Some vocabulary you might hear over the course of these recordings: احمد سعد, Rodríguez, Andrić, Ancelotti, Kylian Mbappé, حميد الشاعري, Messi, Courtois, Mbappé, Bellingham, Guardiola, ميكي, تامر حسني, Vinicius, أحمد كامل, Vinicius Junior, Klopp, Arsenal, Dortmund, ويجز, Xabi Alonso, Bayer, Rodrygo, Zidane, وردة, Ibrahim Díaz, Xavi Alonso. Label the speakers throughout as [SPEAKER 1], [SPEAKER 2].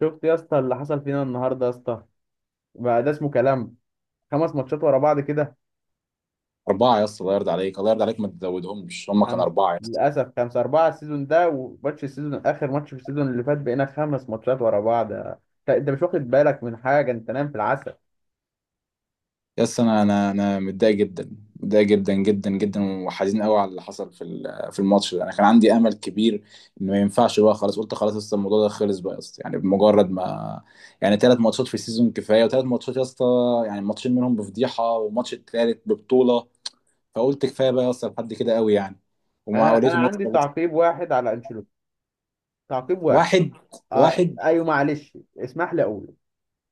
[SPEAKER 1] شفت يا اسطى اللي حصل فينا النهارده يا اسطى؟ بقى ده اسمه كلام؟ خمس ماتشات ورا بعض كده.
[SPEAKER 2] أربعة يا اسطى، الله يرضى عليك، الله يرضى عليك، ما تزودهمش، هم كانوا
[SPEAKER 1] خمس،
[SPEAKER 2] أربعة يا اسطى.
[SPEAKER 1] للاسف خمسة. أربعة السيزون ده وماتش السيزون، آخر ماتش في السيزون اللي فات، بقينا خمس ماتشات ورا بعض. أنت مش واخد بالك من حاجة، أنت نايم في العسل.
[SPEAKER 2] يا اسطى، أنا متضايق جدا، متضايق جدا جدا جدا وحزين قوي على اللي حصل في الماتش ده. أنا كان عندي أمل كبير إن ما ينفعش بقى. خلاص قلت خلاص يا اسطى، الموضوع ده خلص بقى يا اسطى، يعني بمجرد ما. يعني ثلاث ماتشات في السيزون كفاية، وثلاث ماتشات يا اسطى، يعني ماتشين منهم بفضيحة وماتش التالت ببطولة. فقلت كفاية بقى يا اسطى، لحد كده قوي يعني. ومع
[SPEAKER 1] أنا
[SPEAKER 2] وليتهم يا
[SPEAKER 1] عندي
[SPEAKER 2] اسطى.
[SPEAKER 1] تعقيب واحد على أنشيلوتي، تعقيب واحد.
[SPEAKER 2] واحد. واحد.
[SPEAKER 1] أيوه معلش اسمح لي أقول،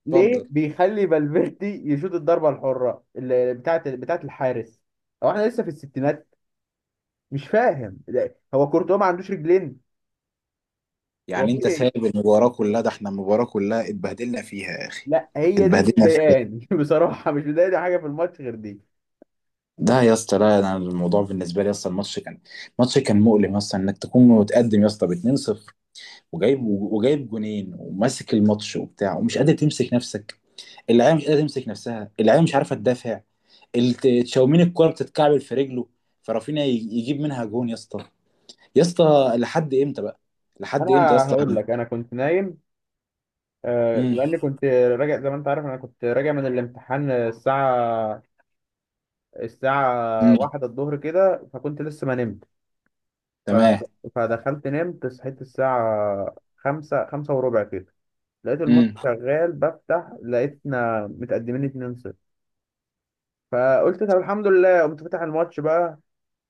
[SPEAKER 1] ليه
[SPEAKER 2] اتفضل.
[SPEAKER 1] بيخلي فالفيردي يشوط الضربة الحرة اللي بتاعت الحارس؟ هو احنا لسه في الستينات؟ مش فاهم. هو كورتوا ما عندوش رجلين؟ هو
[SPEAKER 2] يعني
[SPEAKER 1] في
[SPEAKER 2] انت
[SPEAKER 1] ايه؟
[SPEAKER 2] سايب المباراة كلها، ده احنا المباراة كلها اتبهدلنا فيها يا اخي.
[SPEAKER 1] لا هي دي اللي
[SPEAKER 2] اتبهدلنا فيها.
[SPEAKER 1] مضايقاني بصراحه مش مضايقني حاجه في الماتش غير دي.
[SPEAKER 2] ده يا اسطى، لا انا الموضوع بالنسبة لي يا اسطى، الماتش كان. ماتش كان مؤلم يا اسطى، انك تكون متقدم يا اسطى ب 2-0 وجايب جونين وماسك الماتش وبتاع، ومش قادر تمسك نفسك. اللعيبة مش قادرة تمسك نفسها، اللعيبة مش عارفة تدافع. تشاومين الكرة بتتكعبل في رجله، فرافينيا يجيب منها جون يا اسطى. يا اسطى. لحد امتى بقى؟ لحد امتى يا
[SPEAKER 1] انا
[SPEAKER 2] اسطى؟
[SPEAKER 1] هقول لك، انا كنت نايم. آه،
[SPEAKER 2] امم.
[SPEAKER 1] لاني كنت راجع زي ما انت عارف، انا كنت راجع من الامتحان الساعه
[SPEAKER 2] امم.
[SPEAKER 1] واحدة الظهر كده، فكنت لسه ما نمت. ف...
[SPEAKER 2] تمام.
[SPEAKER 1] فدخلت نمت، صحيت الساعه خمسة، خمسة وربع كده، لقيت الماتش
[SPEAKER 2] امم.
[SPEAKER 1] شغال بفتح لقيتنا متقدمين 2-0. فقلت طب الحمد لله، قمت فاتح الماتش بقى.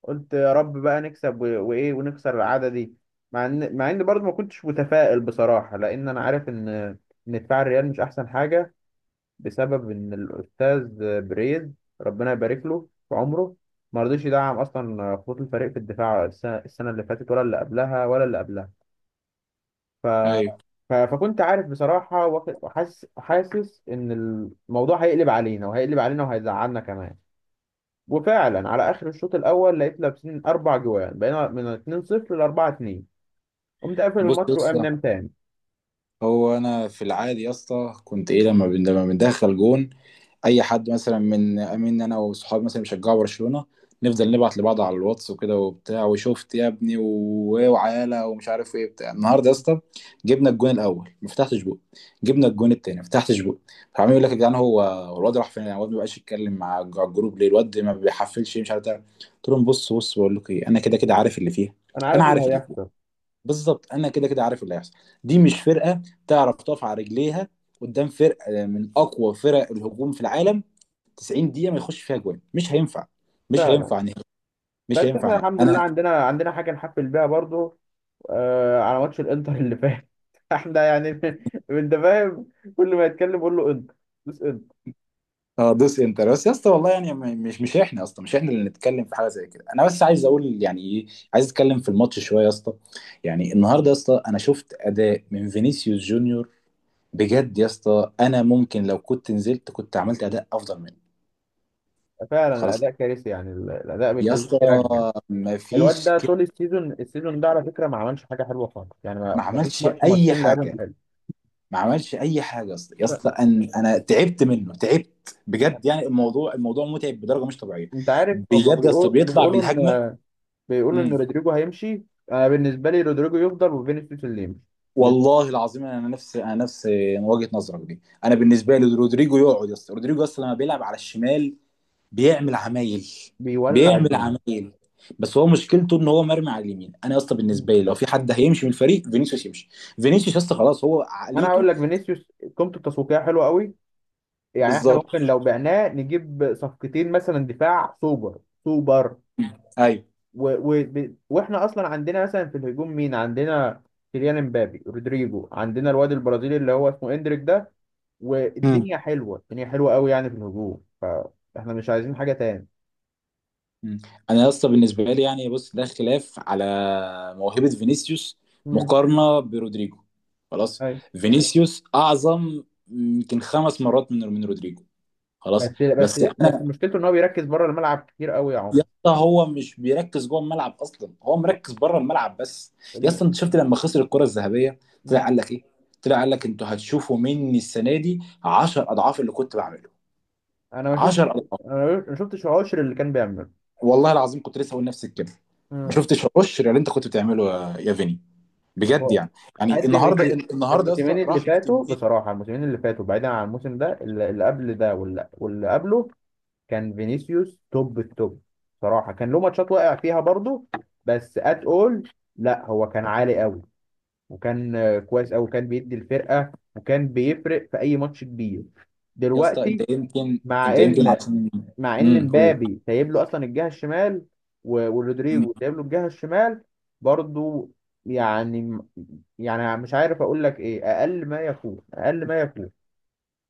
[SPEAKER 1] قلت يا رب بقى نكسب وايه، ونكسر العاده دي. مع ان برضه ما كنتش متفائل بصراحه، لان انا عارف ان دفاع الريال مش احسن حاجه، بسبب ان الاستاذ بريز، ربنا يبارك له في عمره، ما رضيش يدعم اصلا خطوط الفريق في الدفاع. السنة اللي فاتت ولا اللي قبلها ولا اللي قبلها. ف...
[SPEAKER 2] ايوه.
[SPEAKER 1] فكنت عارف بصراحه. وحاسس، ان الموضوع هيقلب علينا، وهيقلب علينا وهيزعلنا كمان. وفعلا على اخر الشوط الاول لقيت لابسين اربع جوان، بقينا من 2-0 ل 4-2. قمت قافل
[SPEAKER 2] بص يا
[SPEAKER 1] الماتش وقام
[SPEAKER 2] اسطى،
[SPEAKER 1] نام تاني.
[SPEAKER 2] هو انا في العادي يا اسطى كنت ايه لما بندخل جون، اي حد مثلا من امين انا وصحابي مثلا بيشجعوا برشلونه، نفضل نبعت لبعض على الواتس وكده وبتاع، وشفت يا ابني وعيالة ومش عارف ايه بتاع النهارده يا اسطى. جبنا الجون الاول ما فتحتش بق. جبنا الجون التاني ما فتحتش بق. فعمال يقول لك يا جدعان، هو الواد راح فين؟ الواد ما بقاش يتكلم مع الجروب ليه؟ الواد ما بيحفلش مش عارف ده. قلت لهم بص بقول لكم ايه، انا كده كده عارف اللي فيها.
[SPEAKER 1] انا
[SPEAKER 2] انا
[SPEAKER 1] عارف اللي
[SPEAKER 2] عارف اللي فيها.
[SPEAKER 1] هيحصل
[SPEAKER 2] بالظبط انا كده كده عارف اللي هيحصل. دي مش فرقه تعرف تقف على رجليها قدام فرقه، من اقوى فرق الهجوم في العالم. 90 دقيقه ما يخش فيها جوان مش هينفع. مش
[SPEAKER 1] فعلا.
[SPEAKER 2] هينفع نهائي. مش
[SPEAKER 1] بس
[SPEAKER 2] هينفع
[SPEAKER 1] احنا
[SPEAKER 2] نهائي
[SPEAKER 1] الحمد لله
[SPEAKER 2] انا.
[SPEAKER 1] عندنا حاجه نحفل بيها برضو، آه، على ماتش الانتر اللي فات احنا يعني انت فاهم، كل ما يتكلم يقول له انتر، بس انتر.
[SPEAKER 2] اه دوس انتر بس يا اسطى، والله يعني مش احنا اصلا، مش احنا اللي نتكلم في حاجه زي كده. انا بس عايز اقول يعني ايه. عايز اتكلم في الماتش شويه يا اسطى. يعني النهارده يا اسطى انا شفت اداء من فينيسيوس جونيور، بجد يا اسطى انا ممكن لو كنت نزلت كنت عملت اداء افضل منه.
[SPEAKER 1] فعلا
[SPEAKER 2] خلاص
[SPEAKER 1] الاداء كارثي، يعني الاداء
[SPEAKER 2] يا
[SPEAKER 1] بيخليك
[SPEAKER 2] اسطى،
[SPEAKER 1] ترجع. الواد
[SPEAKER 2] مفيش.
[SPEAKER 1] ده طول السيزون، السيزون ده، على فكره، ما عملش حاجه حلوه خالص. يعني
[SPEAKER 2] ما
[SPEAKER 1] ما فيش
[SPEAKER 2] عملش
[SPEAKER 1] ماتش
[SPEAKER 2] اي
[SPEAKER 1] ماتشين لعبهم
[SPEAKER 2] حاجه.
[SPEAKER 1] حلو.
[SPEAKER 2] ما عملش اي حاجه يا اسطى، يا اسطى انا تعبت منه، تعبت بجد يعني. الموضوع متعب بدرجه مش طبيعيه.
[SPEAKER 1] انت عارف، هم
[SPEAKER 2] بجد يا اسطى
[SPEAKER 1] بيقول
[SPEAKER 2] بيطلع بالهجمه.
[SPEAKER 1] بيقولوا، بيقولوا ان
[SPEAKER 2] امم.
[SPEAKER 1] رودريجو هيمشي. انا بالنسبه لي رودريجو يفضل وفينيسيوس اللي يمشي. بي-
[SPEAKER 2] والله العظيم انا نفس وجهه نظرك دي. انا بالنسبه لي رودريجو يقعد يا اسطى، رودريجو يا اسطى لما بيلعب على الشمال بيعمل عمايل.
[SPEAKER 1] بيولع
[SPEAKER 2] بيعمل
[SPEAKER 1] الدنيا.
[SPEAKER 2] عمايل. بس هو مشكلته ان هو مرمي على اليمين. انا يا اسطى
[SPEAKER 1] مم.
[SPEAKER 2] بالنسبه لي لو في حد هيمشي من الفريق فينيسيوس يمشي. فينيسيوس يا اسطى خلاص، هو
[SPEAKER 1] انا
[SPEAKER 2] عقليته.
[SPEAKER 1] هقول لك، فينيسيوس قيمته التسويقيه حلوه قوي. يعني احنا
[SPEAKER 2] بالظبط.
[SPEAKER 1] ممكن لو بعناه نجيب صفقتين، مثلا دفاع سوبر سوبر.
[SPEAKER 2] ايوه.
[SPEAKER 1] واحنا اصلا عندنا مثلا في الهجوم، مين عندنا؟ كيليان امبابي، رودريجو، عندنا الواد البرازيلي اللي هو اسمه اندريك ده. والدنيا حلوه، الدنيا حلوه قوي يعني في الهجوم، فاحنا مش عايزين حاجه تاني.
[SPEAKER 2] مم. انا يا اسطى بالنسبه لي يعني بص ده خلاف على موهبه فينيسيوس
[SPEAKER 1] مم.
[SPEAKER 2] مقارنه برودريجو. خلاص، فينيسيوس اعظم يمكن خمس مرات من رودريجو. خلاص.
[SPEAKER 1] بس بس
[SPEAKER 2] بس
[SPEAKER 1] بس
[SPEAKER 2] انا.
[SPEAKER 1] مشكلته ان هو بيركز بره الملعب كتير قوي يا
[SPEAKER 2] يا
[SPEAKER 1] عمر.
[SPEAKER 2] اسطى هو مش بيركز جوه الملعب اصلا، هو مركز بره الملعب بس. يا اسطى
[SPEAKER 1] الم-
[SPEAKER 2] انت شفت لما خسر الكره الذهبيه، طلع
[SPEAKER 1] مم.
[SPEAKER 2] قال لك ايه؟ طلع قال لك انتوا هتشوفوا مني السنه دي 10 اضعاف اللي كنت بعمله.
[SPEAKER 1] انا ما
[SPEAKER 2] 10
[SPEAKER 1] شفت،
[SPEAKER 2] اضعاف.
[SPEAKER 1] انا ما شفتش عشر اللي كان بيعمله.
[SPEAKER 2] والله العظيم كنت لسه هقول نفس الكلمه. ما
[SPEAKER 1] مم.
[SPEAKER 2] شفتش القشر اللي انت كنت بتعمله يا فيني، بجد
[SPEAKER 1] هو
[SPEAKER 2] يعني. يعني
[SPEAKER 1] قدم.
[SPEAKER 2] النهارده يا اسطى
[SPEAKER 1] الموسمين اللي
[SPEAKER 2] راح
[SPEAKER 1] فاتوا
[SPEAKER 2] بكميه.
[SPEAKER 1] بصراحه، الموسمين اللي فاتوا بعيدا عن الموسم ده، اللي اللي قبل ده واللي قبله، كان فينيسيوس توب التوب بصراحه. كان له ماتشات واقع فيها برضه. بس ات اول لا، هو كان عالي قوي، وكان كويس قوي، وكان بيدي الفرقه وكان بيفرق في اي ماتش كبير.
[SPEAKER 2] يا اسطى انت
[SPEAKER 1] دلوقتي،
[SPEAKER 2] يمكن.
[SPEAKER 1] مع ان
[SPEAKER 2] عشان
[SPEAKER 1] مع ان
[SPEAKER 2] قول.
[SPEAKER 1] مبابي سايب له اصلا الجهه الشمال، ورودريجو سايب له الجهه الشمال برضو، يعني، يعني مش عارف اقول لك ايه. اقل ما يكون، اقل ما يكون.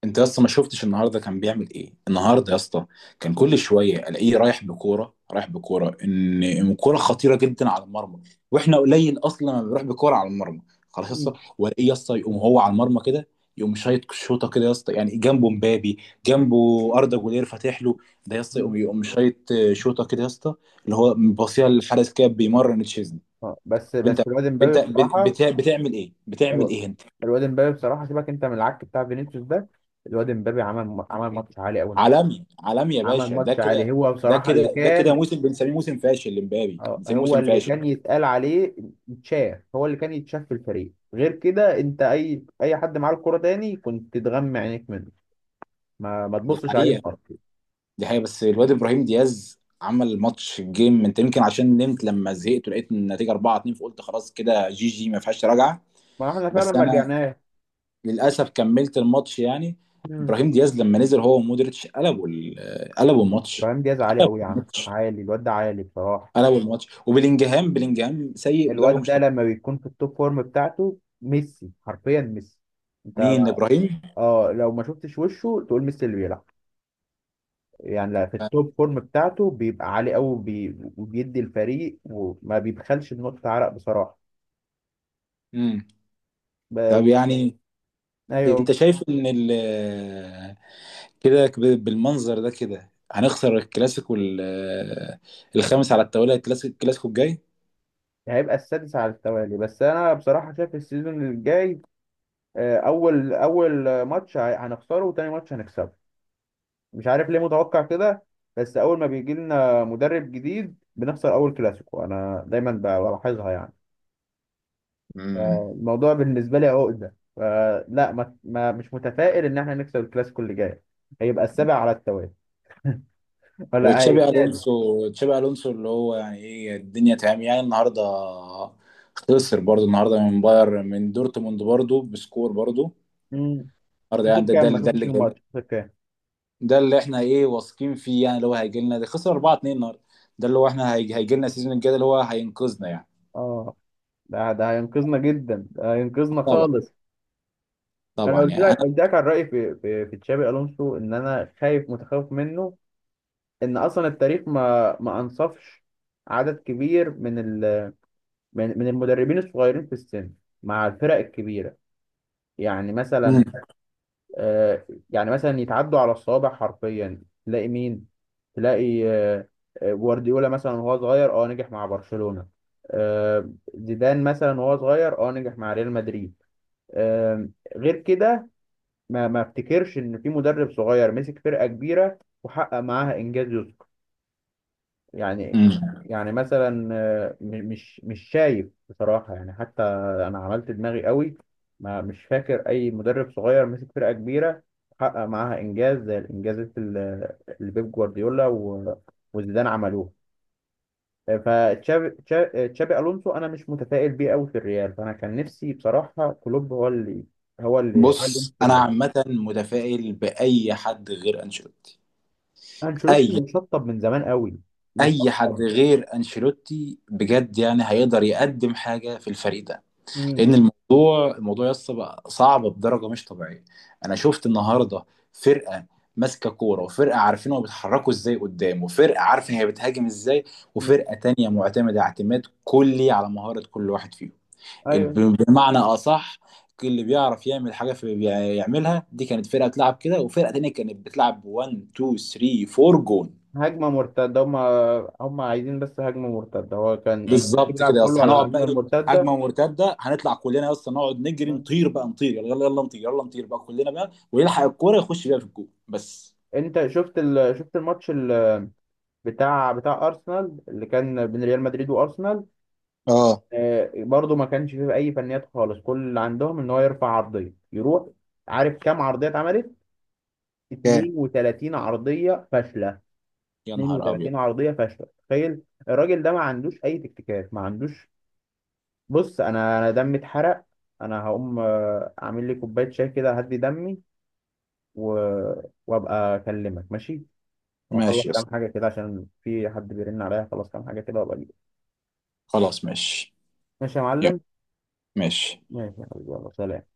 [SPEAKER 2] انت يا اسطى ما شفتش النهارده كان بيعمل ايه النهارده يا اسطى؟ كان كل
[SPEAKER 1] مم.
[SPEAKER 2] شويه الاقيه رايح بكوره، رايح بكوره إن كوره خطيره جدا على المرمى. واحنا قليل اصلا ما بنروح بكوره على المرمى خلاص يا اسطى.
[SPEAKER 1] مم.
[SPEAKER 2] والاقيه يا اسطى يقوم هو على المرمى كده، يقوم شايط شوطه كده يا اسطى، يعني جنبه مبابي،
[SPEAKER 1] مم.
[SPEAKER 2] جنبه اردا جولير فاتح له. ده يا اسطى
[SPEAKER 1] مم.
[SPEAKER 2] يقوم شايط شوطه كده يا اسطى، اللي هو باصيها للحارس كده بيمرن تشيزني.
[SPEAKER 1] آه، بس
[SPEAKER 2] وانت،
[SPEAKER 1] بس الواد مبابي
[SPEAKER 2] انت
[SPEAKER 1] بصراحه،
[SPEAKER 2] بتعمل ايه؟ بتعمل ايه انت؟
[SPEAKER 1] الواد مبابي بصراحه، سيبك انت من العك بتاع فينيسيوس ده. الواد مبابي عمل ماتش عالي قوي.
[SPEAKER 2] عالمي عالمي يا
[SPEAKER 1] عمل
[SPEAKER 2] باشا،
[SPEAKER 1] ماتش عالي، هو بصراحه اللي
[SPEAKER 2] ده
[SPEAKER 1] كان،
[SPEAKER 2] كده موسم بنسميه موسم فاشل لمبابي،
[SPEAKER 1] آه،
[SPEAKER 2] بنسميه
[SPEAKER 1] هو
[SPEAKER 2] موسم
[SPEAKER 1] اللي
[SPEAKER 2] فاشل.
[SPEAKER 1] كان يتقال عليه يتشاف. هو اللي كان يتشاف في الفريق، غير كده انت اي حد معاه الكرة تاني كنت تغمى عينيك منه. ما
[SPEAKER 2] دي
[SPEAKER 1] تبصش عليهم
[SPEAKER 2] حقيقة.
[SPEAKER 1] اصلا.
[SPEAKER 2] دي حقيقة. بس الواد ابراهيم دياز عمل ماتش جيم. انت يمكن عشان نمت لما زهقت ولقيت النتيجة 4-2 فقلت خلاص كده، جي جي ما فيهاش رجعة.
[SPEAKER 1] ما احنا فعلا
[SPEAKER 2] بس
[SPEAKER 1] ما
[SPEAKER 2] انا
[SPEAKER 1] رجعناش.
[SPEAKER 2] للاسف كملت الماتش يعني.
[SPEAKER 1] مم.
[SPEAKER 2] ابراهيم دياز لما نزل هو ومودريتش قلبوا الماتش.
[SPEAKER 1] ابراهيم دياز عالي قوي يا عم، عالي، الواد ده عالي بصراحة.
[SPEAKER 2] قلبوا الماتش. وبلينجهام سيء بدرجة
[SPEAKER 1] الواد
[SPEAKER 2] مش
[SPEAKER 1] ده
[SPEAKER 2] طبيعية.
[SPEAKER 1] لما بيكون في التوب فورم بتاعته، ميسي حرفيا، ميسي. انت،
[SPEAKER 2] مين ابراهيم؟
[SPEAKER 1] اه، لو ما شفتش وشه تقول ميسي اللي بيلعب. يعني لا، في التوب فورم بتاعته بيبقى عالي قوي، وبيدي الفريق، وما بيبخلش بنقطة عرق
[SPEAKER 2] امم. طب
[SPEAKER 1] بصراحة.
[SPEAKER 2] يعني. انت
[SPEAKER 1] ايوه،
[SPEAKER 2] شايف ان كده بالمنظر ده كده هنخسر الكلاسيكو الخامس على التوالي، الكلاسيكو الجاي
[SPEAKER 1] هيبقى السادس على التوالي. بس انا بصراحه شايف السيزون الجاي، آه، اول ماتش هنخسره، وتاني ماتش هنكسبه. مش عارف ليه متوقع كده، بس اول ما بيجي لنا مدرب جديد بنخسر اول كلاسيكو، انا دايما بلاحظها يعني.
[SPEAKER 2] امم.
[SPEAKER 1] فالموضوع بالنسبه لي عقده، فلا ما مش متفائل ان احنا نكسب الكلاسيكو اللي جاي. هيبقى السابع على التوالي، ولا آه،
[SPEAKER 2] وتشابي الونسو،
[SPEAKER 1] السادس.
[SPEAKER 2] تشابي الونسو اللي هو يعني ايه الدنيا تمام يعني النهارده، خسر برضه النهارده من باير من دورتموند برضه بسكور برضه
[SPEAKER 1] امم،
[SPEAKER 2] النهارده، يعني
[SPEAKER 1] خسر كام؟ ما
[SPEAKER 2] ده
[SPEAKER 1] شفتش
[SPEAKER 2] اللي جاي.
[SPEAKER 1] الماتش، خسر كام؟
[SPEAKER 2] ده اللي احنا ايه واثقين فيه يعني، اللي هو هيجي لنا ده خسر 4-2 النهارده. ده اللي هو احنا هيجي لنا السيزون الجاي ده اللي هو هينقذنا يعني.
[SPEAKER 1] اه، ده هينقذنا جدا، ده هينقذنا
[SPEAKER 2] طبعا.
[SPEAKER 1] خالص. انا
[SPEAKER 2] طبعا
[SPEAKER 1] قلت
[SPEAKER 2] يعني انا.
[SPEAKER 1] لك، قلت لك عن رايي في في تشابي الونسو، ان انا خايف، متخوف منه. ان اصلا التاريخ ما انصفش عدد كبير من ال، من المدربين الصغيرين في السن مع الفرق الكبيره. يعني مثلا، آه، يعني مثلا يتعدوا على الصوابع حرفيا. تلاقي مين؟ تلاقي آه، آه، جوارديولا مثلا وهو صغير، اه، نجح مع برشلونه. آه، زيدان مثلا وهو صغير، اه، نجح مع ريال مدريد. آه، غير كده ما افتكرش ان في مدرب صغير مسك فرقه كبيره وحقق معاها انجاز يذكر. يعني،
[SPEAKER 2] مم.
[SPEAKER 1] يعني مثلا، آه، مش شايف بصراحه يعني. حتى انا عملت دماغي قوي، ما مش فاكر اي مدرب صغير مسك فرقه كبيره وحقق معاها انجاز زي الانجازات اللي بيب جوارديولا وزيدان عملوها. تشابي الونسو انا مش متفائل بيه قوي في الريال، فانا كان نفسي بصراحه كلوب هو اللي هو اللي
[SPEAKER 2] بص
[SPEAKER 1] يمسك
[SPEAKER 2] انا
[SPEAKER 1] الريال.
[SPEAKER 2] عامه متفائل باي حد غير انشيلوتي. اي.
[SPEAKER 1] انشيلوتي مشطب من زمان قوي، مشطب.
[SPEAKER 2] حد غير انشيلوتي بجد يعني هيقدر يقدم حاجه في الفريق ده،
[SPEAKER 1] امم.
[SPEAKER 2] لان الموضوع يس بقى صعب بدرجه مش طبيعيه. انا شفت النهارده فرقه، ماسكه كوره وفرقه عارفين هما بيتحركوا ازاي قدام، وفرقه عارفه هي بتهاجم ازاي، وفرقه تانية معتمده اعتماد كلي على مهاره كل واحد فيهم.
[SPEAKER 1] ايوه،
[SPEAKER 2] بمعنى اصح، اللي بيعرف يعمل حاجه يعملها. دي كانت فرقه تلعب كده، وفرقه تانيه كانت بتلعب 1 2 3 4 جون.
[SPEAKER 1] هجمه مرتده. هم عايزين بس هجمه مرتده، هو كان انشيلوتي
[SPEAKER 2] بالظبط
[SPEAKER 1] بيلعب
[SPEAKER 2] كده يا
[SPEAKER 1] كله
[SPEAKER 2] اسطى،
[SPEAKER 1] على
[SPEAKER 2] هنقعد بقى
[SPEAKER 1] الهجمه
[SPEAKER 2] ايه
[SPEAKER 1] المرتده.
[SPEAKER 2] هجمه مرتده، هنطلع كلنا يا اسطى نقعد نجري نطير بقى، نطير، يلا يلا يلا نطير، يلا نطير بقى كلنا بقى، ويلحق الكوره يخش بيها في الجون بس.
[SPEAKER 1] انت شفت شفت الماتش بتاع ارسنال، اللي كان بين ريال مدريد وارسنال؟
[SPEAKER 2] اه.
[SPEAKER 1] آه برضو ما كانش فيه اي فنيات خالص، كل اللي عندهم ان هو يرفع عرضيه يروح. عارف كام عرضيه اتعملت؟
[SPEAKER 2] اوكي.
[SPEAKER 1] 32 عرضيه فاشله.
[SPEAKER 2] يا نهار ابيض.
[SPEAKER 1] 32 عرضيه فاشله، تخيل. الراجل ده ما عندوش اي تكتيكات، ما عندوش. بص، انا دمي اتحرق. انا هقوم آه، اعمل لي كوبايه شاي كده، اهدي دمي، و... وابقى اكلمك، ماشي؟ واخلص
[SPEAKER 2] ماشي يا
[SPEAKER 1] كام
[SPEAKER 2] اسطى.
[SPEAKER 1] حاجه كده عشان في حد بيرن عليا، اخلص كام حاجه كده وابقى اجيلك.
[SPEAKER 2] خلاص ماشي.
[SPEAKER 1] ماشي يا
[SPEAKER 2] يلا.
[SPEAKER 1] معلم.
[SPEAKER 2] ماشي.
[SPEAKER 1] ماشي يا حبيبي، يلا سلام.